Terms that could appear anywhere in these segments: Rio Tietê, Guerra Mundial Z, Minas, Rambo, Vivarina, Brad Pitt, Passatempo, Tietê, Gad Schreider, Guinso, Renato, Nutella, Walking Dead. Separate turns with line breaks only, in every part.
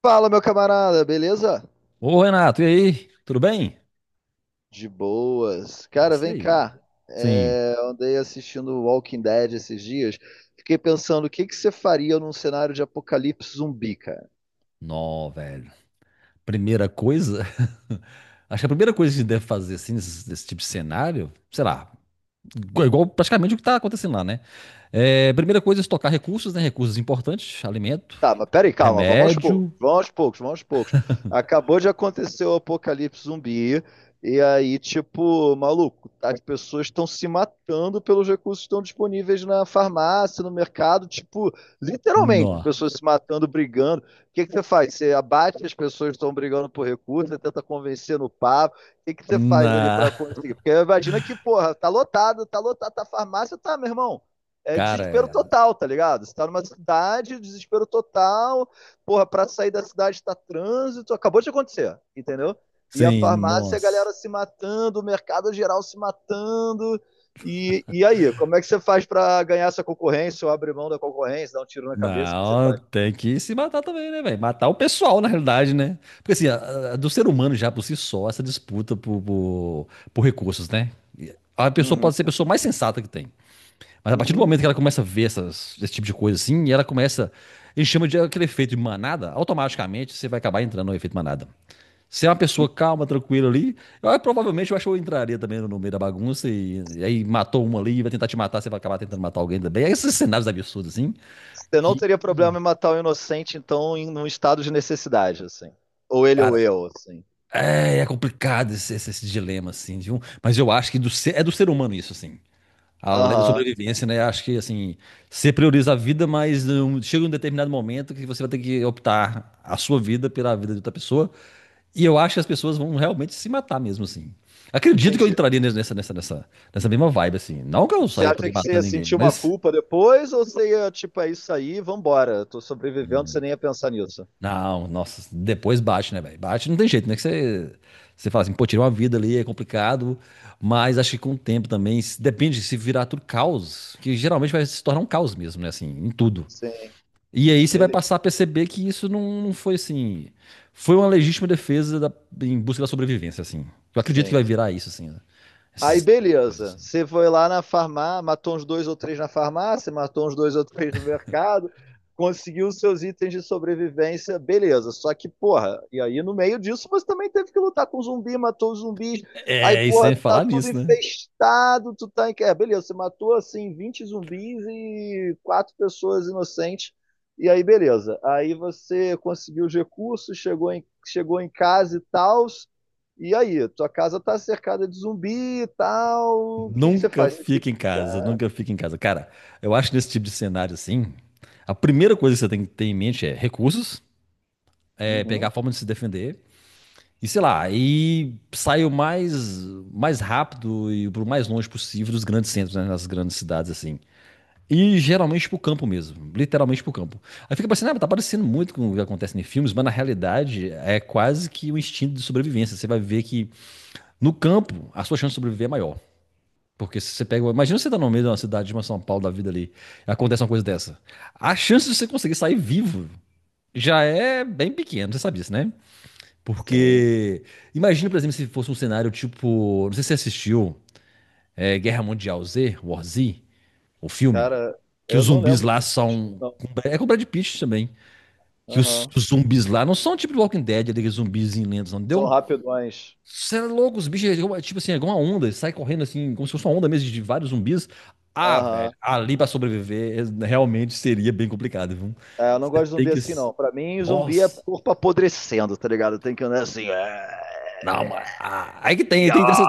Fala, meu camarada, beleza?
Ô, Renato, e aí? Tudo bem?
De boas.
É
Cara,
isso
vem
aí.
cá.
Sim.
É, eu andei assistindo Walking Dead esses dias. Fiquei pensando, o que que você faria num cenário de apocalipse zumbi?
Nó, velho. Primeira coisa. Acho que a primeira coisa que a gente deve fazer, assim, nesse tipo de cenário, sei lá, igual praticamente o que tá acontecendo lá, né? É, primeira coisa é estocar recursos, né? Recursos importantes, alimento,
Tá, mas peraí, calma, vamos aos poucos,
remédio.
vamos aos poucos, vamos aos poucos. Acabou de acontecer o apocalipse zumbi, e aí, tipo, maluco, as pessoas estão se matando pelos recursos que estão disponíveis na farmácia, no mercado, tipo, literalmente,
Nó.
as pessoas se matando, brigando. O que que você faz? Você abate as pessoas que estão brigando por recursos, você tenta convencer no papo. O que que você faz ali
Na.
pra conseguir? Porque imagina que, porra, tá lotado, tá lotado, tá farmácia, tá, meu irmão, é
Cara,
desespero
é,
total, tá ligado? Você tá numa cidade, desespero total, porra, pra sair da cidade tá trânsito, acabou de acontecer, entendeu? E a
sim,
farmácia, a
nossa.
galera se matando, o mercado geral se matando. E aí, como é que você faz para ganhar essa concorrência ou abrir mão da concorrência, dar um tiro na cabeça? O que que você
Não,
faz?
tem que se matar também, né, velho? Matar o pessoal, na realidade, né? Porque assim, do ser humano já por si só, essa disputa por recursos, né? A pessoa
Uhum,
pode ser a pessoa mais sensata que tem. Mas a partir do
uhum.
momento que ela começa a ver esse tipo de coisa assim, e ela começa. A gente chama de aquele efeito de manada, automaticamente você vai acabar entrando no efeito manada. Se é uma pessoa calma, tranquila ali, eu provavelmente eu acho que eu entraria também no meio da bagunça e aí matou uma ali, e vai tentar te matar, você vai acabar tentando matar alguém também. Esses cenários absurdos, assim.
Você não
Que
teria problema em matar o um inocente, então, em um estado de necessidade, assim. Ou ele ou eu, assim.
é, é complicado esse dilema, assim, viu? Mas eu acho que é do ser humano isso, assim. A lei da
Aham,
sobrevivência, né? Acho que, assim, você prioriza a vida, mas um, chega um determinado momento que você vai ter que optar a sua vida pela vida de outra pessoa. E eu acho que as pessoas vão realmente se matar mesmo, assim. Acredito que eu
entendi.
entraria nessa mesma vibe, assim. Não que eu
Você
saia por
acha
aí
que você ia
matando ninguém,
sentir uma
mas
culpa depois ou você ia, tipo, é isso aí, vambora, tô sobrevivendo, você nem ia pensar nisso?
não, nossa, depois bate, né, velho? Bate não tem jeito, né? Você fala assim, pô, tirar uma vida ali é complicado, mas acho que com o tempo também, depende se virar tudo caos, que geralmente vai se tornar um caos mesmo, né? Assim, em tudo.
Sim,
E aí você vai
beleza.
passar a perceber que isso não, não foi assim. Foi uma legítima defesa em busca da sobrevivência, assim. Eu acredito que
Sim.
vai virar isso, assim, né?
Aí
Essas coisas
beleza,
assim.
você foi lá na farmácia, matou uns dois ou três na farmácia, matou uns dois ou três no mercado, conseguiu os seus itens de sobrevivência, beleza. Só que, porra, e aí no meio disso você também teve que lutar com zumbi, matou os zumbis, aí,
É, e
porra,
sem
tá
falar
tudo
nisso, né?
infestado, tu tá em... É, beleza, você matou, assim, 20 zumbis e quatro pessoas inocentes, e aí beleza. Aí você conseguiu os recursos, chegou em casa e tal, e aí, tua casa tá cercada de zumbi e tal. O que que você
Nunca
faz? Você tem
fica
que
em casa,
ficar.
nunca fica em casa. Cara, eu acho que nesse tipo de cenário assim, a primeira coisa que você tem que ter em mente é recursos, é pegar
Uhum,
a forma de se defender e sei lá, e sair mais rápido e pro mais longe possível dos grandes centros, né, nas grandes cidades assim. E geralmente pro campo mesmo, literalmente pro campo. Aí fica pensando, ah, tá parecendo muito com o que acontece em filmes, mas na realidade é quase que um instinto de sobrevivência. Você vai ver que no campo a sua chance de sobreviver é maior. Porque se você pega. Imagina você tá no meio de uma cidade, de uma São Paulo da vida ali, e acontece uma coisa dessa. A chance de você conseguir sair vivo já é bem pequena, você sabe disso, né?
sim.
Porque. Imagina, por exemplo, se fosse um cenário tipo. Não sei se você assistiu é, Guerra Mundial Z, War Z, o filme.
Cara,
Que os
eu não
zumbis
lembro
lá
se eu assisti,
são.
não.
É com o Brad Pitt também. Que os,
Aham.
os zumbis lá não são tipo Walking Dead, aqueles zumbis lentos, não
São
entendeu?
rapidões.
Você é louco, os bichos, é tipo assim, é igual uma onda, eles saem correndo assim, como se fosse uma onda mesmo de vários zumbis. Ah, velho,
Aham.
ali pra sobreviver é- realmente seria bem complicado, viu?
É, eu não
Você
gosto de
tem
zumbi
que.
assim, não. Pra mim, zumbi é
Nossa!
corpo apodrecendo, tá ligado? Tem que andar assim.
Não, mas. Ah, aí que tem, tem dessa,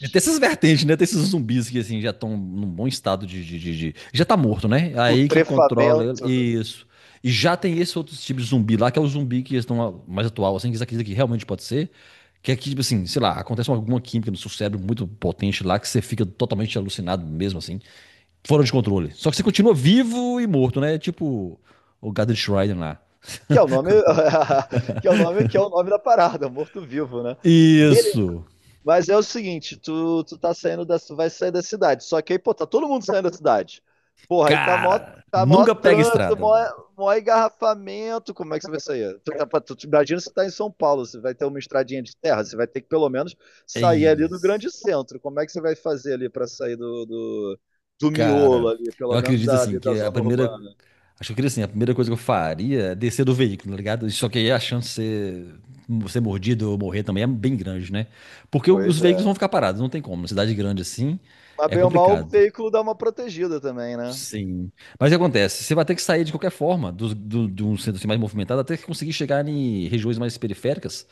e tem essas vertentes, né? Tem esses zumbis que assim já estão num bom estado já tá morto, né? Aí quem controla ele.
Putrefamento.
Isso. E já tem esse outro tipo de zumbi lá, que é o zumbi que estão mais atual, assim, que isso aqui realmente pode ser. Que é que, tipo assim, sei lá, acontece alguma química no seu cérebro muito potente lá, que você fica totalmente alucinado mesmo, assim, fora de controle. Só que você continua vivo e morto, né? Tipo o Gad Schreider lá.
Que é o nome. Que é o nome, que é o nome da parada, morto-vivo, né?
Isso!
Mas é o seguinte, tu vai sair da cidade. Só que aí, pô, tá todo mundo saindo da cidade. Porra,
Cara,
tá mó
nunca pega
trânsito,
estrada, velho.
mó engarrafamento. Como é que você vai sair? Tu, tá, pra- tu, tu- imagina se tá em São Paulo, você vai ter uma estradinha de terra, você vai ter que pelo menos
É
sair ali do grande
isso.
centro. Como é que você vai fazer ali pra sair do, do miolo
Cara,
ali,
eu
pelo menos
acredito
da,
assim
ali da
que a
zona
primeira.
urbana?
Acho que eu queria assim, a primeira coisa que eu faria é descer do veículo, tá ligado? Só que aí a chance de ser mordido ou morrer também é bem grande, né? Porque os
Pois é.
veículos vão ficar parados, não tem como. Uma cidade grande assim
Mas
é
bem ou mal, o
complicado.
veículo dá uma protegida também, né?
Sim. Mas o que acontece? Você vai ter que sair de qualquer forma de um centro assim mais movimentado até que conseguir chegar em regiões mais periféricas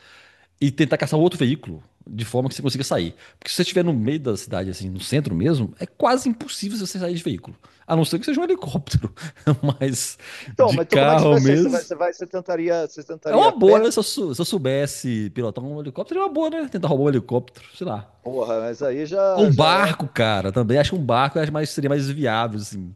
e tentar caçar um outro veículo de forma que você consiga sair. Porque se você estiver no meio da cidade, assim, no centro mesmo, é quase impossível você sair de veículo. A não ser que seja um helicóptero, mas
Então,
de
mas então como é que você
carro
vai sair? Você vai,
mesmo.
você vai, você tentaria, você
É
tentaria a
uma boa,
pé?
né? Se eu soubesse pilotar um helicóptero, é uma boa, né? Tentar roubar um helicóptero, sei lá.
Porra, mas aí
Ou
já,
um
já é
barco, cara, também. Acho que um barco seria mais viável, assim.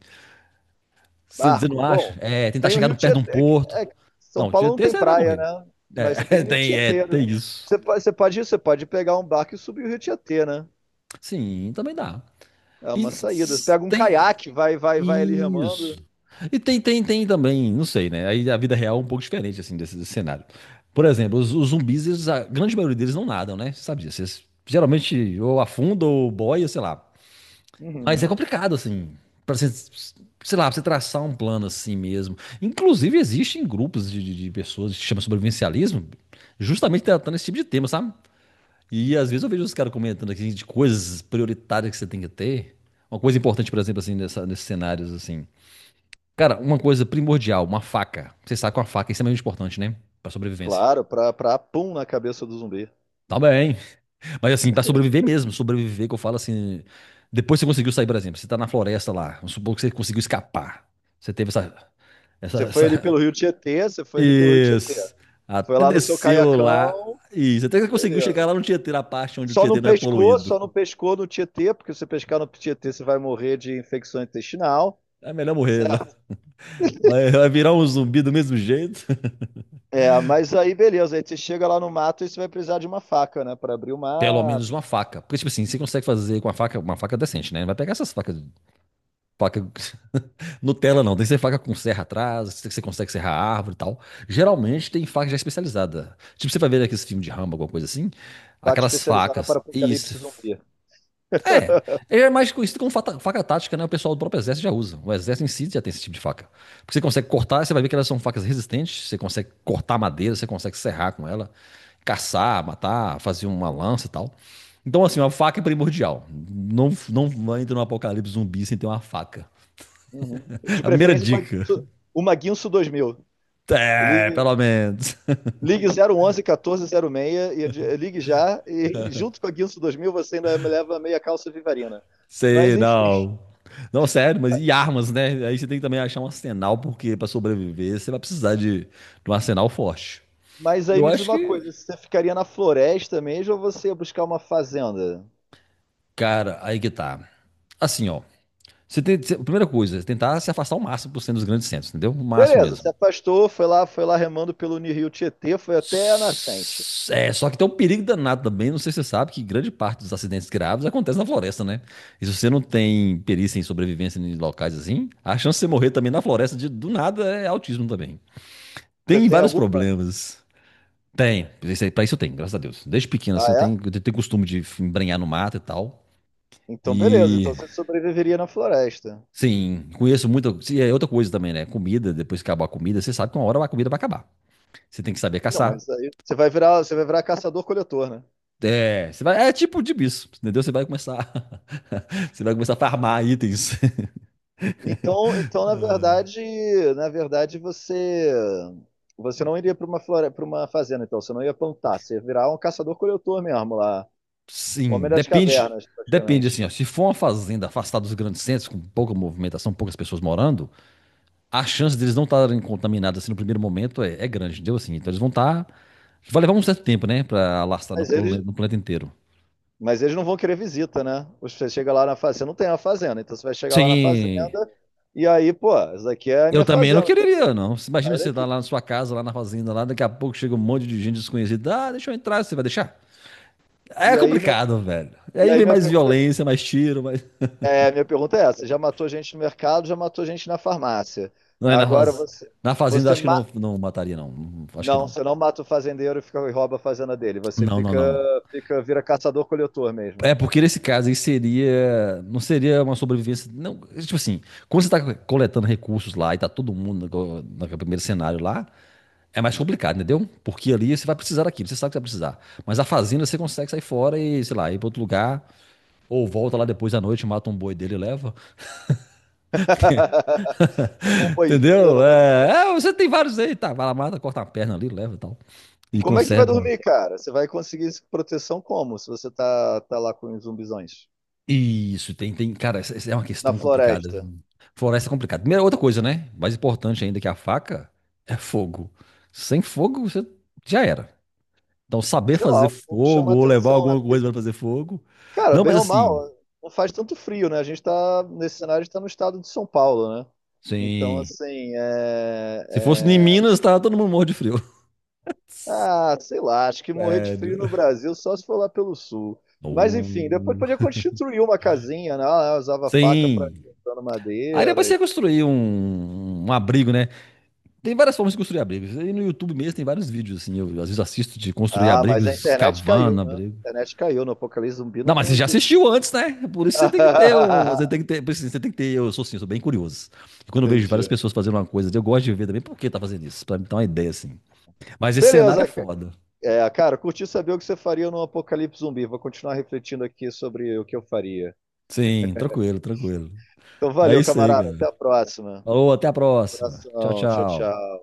Você
barco.
não acha?
Bom,
É, tentar
tem o
chegar
Rio
perto de um
Tietê, é que-
porto.
é que São
Não, o
Paulo
dia
não tem
você vai
praia,
morrer.
né? Mas você
É,
tem o Rio
tem, é,
Tietê, né?
tem
É.
isso.
Você pode pegar um barco e subir o Rio Tietê, né?
Sim, também dá.
É
E
uma saída. Você pega um
tem.
caiaque, vai, vai, vai ali
Isso.
remando.
E tem também, não sei, né? Aí a vida real é um pouco diferente, assim, desse cenário. Por exemplo, os zumbis, eles, a grande maioria deles não nadam, né? Você sabe disso. Eles geralmente ou afundam ou boia, sei lá. Mas é
Uhum.
complicado, assim, pra você, sei lá, pra você traçar um plano assim mesmo. Inclusive, existem grupos de pessoas que se chama sobrevivencialismo, justamente tratando esse tipo de tema, sabe? E às vezes eu vejo os caras comentando aqui de coisas prioritárias que você tem que ter. Uma coisa importante, por exemplo, assim, nesses cenários, assim. Cara, uma coisa primordial, uma faca. Você sabe que uma faca é extremamente importante, né? Pra sobrevivência.
Claro, pra pum na cabeça do zumbi.
Tá bem. Mas assim, pra sobreviver mesmo, sobreviver que eu falo assim. Depois que você conseguiu sair, por exemplo, você tá na floresta lá. Vamos supor que você conseguiu escapar. Você teve essa. Essa.
Você foi ali
Essa...
pelo Rio Tietê, você foi ali pelo Rio Tietê.
Isso.
Foi
Até
lá no seu
desceu lá.
caiacão,
Isso. Até que você conseguiu
beleza.
chegar lá no Tietê, na parte onde o Tietê não é poluído.
Só não pescou no Tietê, porque se você pescar no Tietê, você vai morrer de infecção intestinal.
É melhor morrer. Né?
Certo?
Vai, vai virar um zumbi do mesmo jeito.
É, mas aí beleza, aí você chega lá no mato e você vai precisar de uma faca, né, para abrir o
Pelo menos
mato,
uma faca. Porque, tipo assim, você consegue fazer com uma faca decente, né? Não vai pegar essas facas. Faca Nutella, não. Tem que ser faca com serra atrás, que você consegue serrar a árvore e tal. Geralmente tem faca já especializada. Tipo, você vai ver aqueles filmes de Rambo alguma coisa assim.
faca
Aquelas
especializada para
facas. Isso,
apocalipse zumbi.
é, ele é mais conhecido como faca tática, né? O pessoal do próprio exército já usa. O exército em si já tem esse tipo de faca. Porque você consegue cortar, você vai ver que elas são facas resistentes, você consegue cortar madeira, você consegue serrar com ela, caçar, matar, fazer uma lança e tal. Então, assim, uma faca é primordial. Não entra no apocalipse zumbi sem ter uma faca.
Uhum. De
A primeira
preferência
dica.
Uma Guinso 2000. Ligue,
É, pelo menos.
ligue 011 1406 e ligue já e junto com a Guinso 2000 você ainda me leva meia calça vivarina. Mas
Sei,
enfim,
não. Não, sério, mas e armas, né? Aí você tem que também achar um arsenal, porque para sobreviver você vai precisar de um arsenal forte.
mas aí
Eu
me diz
acho
uma
que,
coisa, você ficaria na floresta mesmo ou você ia buscar uma fazenda?
cara, aí que tá. Assim, ó. Primeira coisa, tentar se afastar o máximo por cento dos grandes centros, entendeu? O máximo
Beleza,
mesmo.
se afastou, foi lá remando pelo Rio Tietê, foi até a nascente.
S- É, só que tem um perigo danado também, não sei se você sabe, que grande parte dos acidentes graves acontece na floresta, né? E se você não tem perícia em sobrevivência em locais assim, a chance de você morrer também na floresta de, do nada é autismo também.
Você
Tem
tem
vários
alguma?
problemas. Tem, pra isso eu tenho, graças a Deus. Desde pequeno,
Ah,
assim,
é?
eu tenho costume de embrenhar no mato e tal.
Então, beleza.
E
Então você sobreviveria na floresta.
sim, conheço muita. E é outra coisa também, né? Comida, depois que acabar a comida, você sabe que uma hora a comida vai acabar. Você tem que saber
Não,
caçar.
mas aí você vai virar caçador-coletor, né?
É, você vai, é tipo de bicho, entendeu? Você vai começar. Você vai começar a farmar itens.
Então na verdade você não iria para para uma fazenda, então você não ia plantar, você ia virar um caçador-coletor mesmo lá, homem
Sim,
das
depende.
cavernas,
Depende, assim,
praticamente.
ó. Se for uma fazenda afastada dos grandes centros, com pouca movimentação, poucas pessoas morando, a chance deles não estarem contaminados assim no primeiro momento é grande, entendeu? Assim, então eles vão estar. Vai levar um certo tempo, né? Pra alastrar no
Mas eles,
planeta, no planeta inteiro.
mas eles não vão querer visita, né? Você chega lá na fazenda, não tem uma fazenda, então você vai chegar lá na fazenda
Sim.
e aí, pô, essa daqui é a
Eu
minha
também não
fazenda,
quereria, não. Você imagina
sai
você tá
daqui.
lá na sua casa, lá na fazenda, lá, daqui a pouco chega um monte de gente desconhecida. Ah, deixa eu entrar, você vai deixar? É
E aí minha,
complicado, velho. E
e
aí
aí
vem
minha
mais
pergunta é assim.
violência, mais tiro, mais.
Minha pergunta é essa: já matou gente no mercado, já matou gente na farmácia.
Não é na
Agora
fazenda. Na fazenda
você
acho que
ma-
não, não mataria, não. Acho que
não,
não.
você não mata o fazendeiro e fica e rouba a fazenda dele. Você
Não, não, não.
vira caçador-coletor mesmo.
É porque nesse caso aí seria. Não seria uma sobrevivência. Não, tipo assim, quando você tá coletando recursos lá e tá todo mundo no primeiro cenário lá, é mais complicado, entendeu? Porque ali você vai precisar daquilo, você sabe que você vai precisar. Mas a fazenda você consegue sair fora e, sei lá, ir para outro lugar, ou volta lá depois da noite, mata um boi dele e leva.
Um boizinho
Entendeu?
não vai fazer.
É, é, você tem vários aí, tá? Vai lá, mata, corta uma perna ali, leva e tal.
E
E
como é que você vai
conserva.
dormir, cara? Você vai conseguir proteção como? Se você tá lá com os zumbizões
Isso, tem, tem. Cara, essa é uma
na
questão complicada.
floresta?
Floresta é complicada. Primeira outra coisa, né? Mais importante ainda que a faca é fogo. Sem fogo, você já era. Então, saber
Sei lá,
fazer
o fogo
fogo
chama
ou levar
atenção,
alguma
né?
coisa para fazer fogo.
Cara,
Não,
bem
mas
ou
assim.
mal, não faz tanto frio, né? A gente tá, nesse cenário, a gente tá no estado de São Paulo, né? Então,
Sim.
assim.
Se fosse em
É-
Minas, tava todo mundo morro de frio.
Ah, sei lá, acho que morrer de frio no
Sério.
Brasil só se for lá pelo sul. Mas, enfim, depois
Oh.
podia construir uma casinha, né? Ah, usava faca pra
Sim.
cortando
Aí depois
madeira
você
e...
ia construir um abrigo, né? Tem várias formas de construir abrigos. Aí no YouTube mesmo tem vários vídeos, assim. Eu às vezes assisto de construir
Ah, mas a
abrigos,
internet
cavando
caiu, né?
abrigo.
A internet caiu, no Apocalipse Zumbi
Não,
não
mas
tem
você já
YouTube.
assistiu antes, né? Por isso você tem que ter um. Você tem que ter. Por isso Você tem que ter. Eu sou assim, eu sou bem curioso. Quando eu vejo várias
Entendi.
pessoas fazendo uma coisa, eu gosto de ver também por que tá fazendo isso. Pra me dar uma ideia, assim. Mas esse cenário é
Beleza, ca-
foda.
é, cara, curti saber o que você faria no Apocalipse Zumbi. Vou continuar refletindo aqui sobre o que eu faria.
Sim, tranquilo, tranquilo.
Então,
É
valeu,
isso aí,
camarada. Até
cara.
a próxima.
Falou, até a próxima. Tchau,
Coração. Tchau,
tchau.
tchau.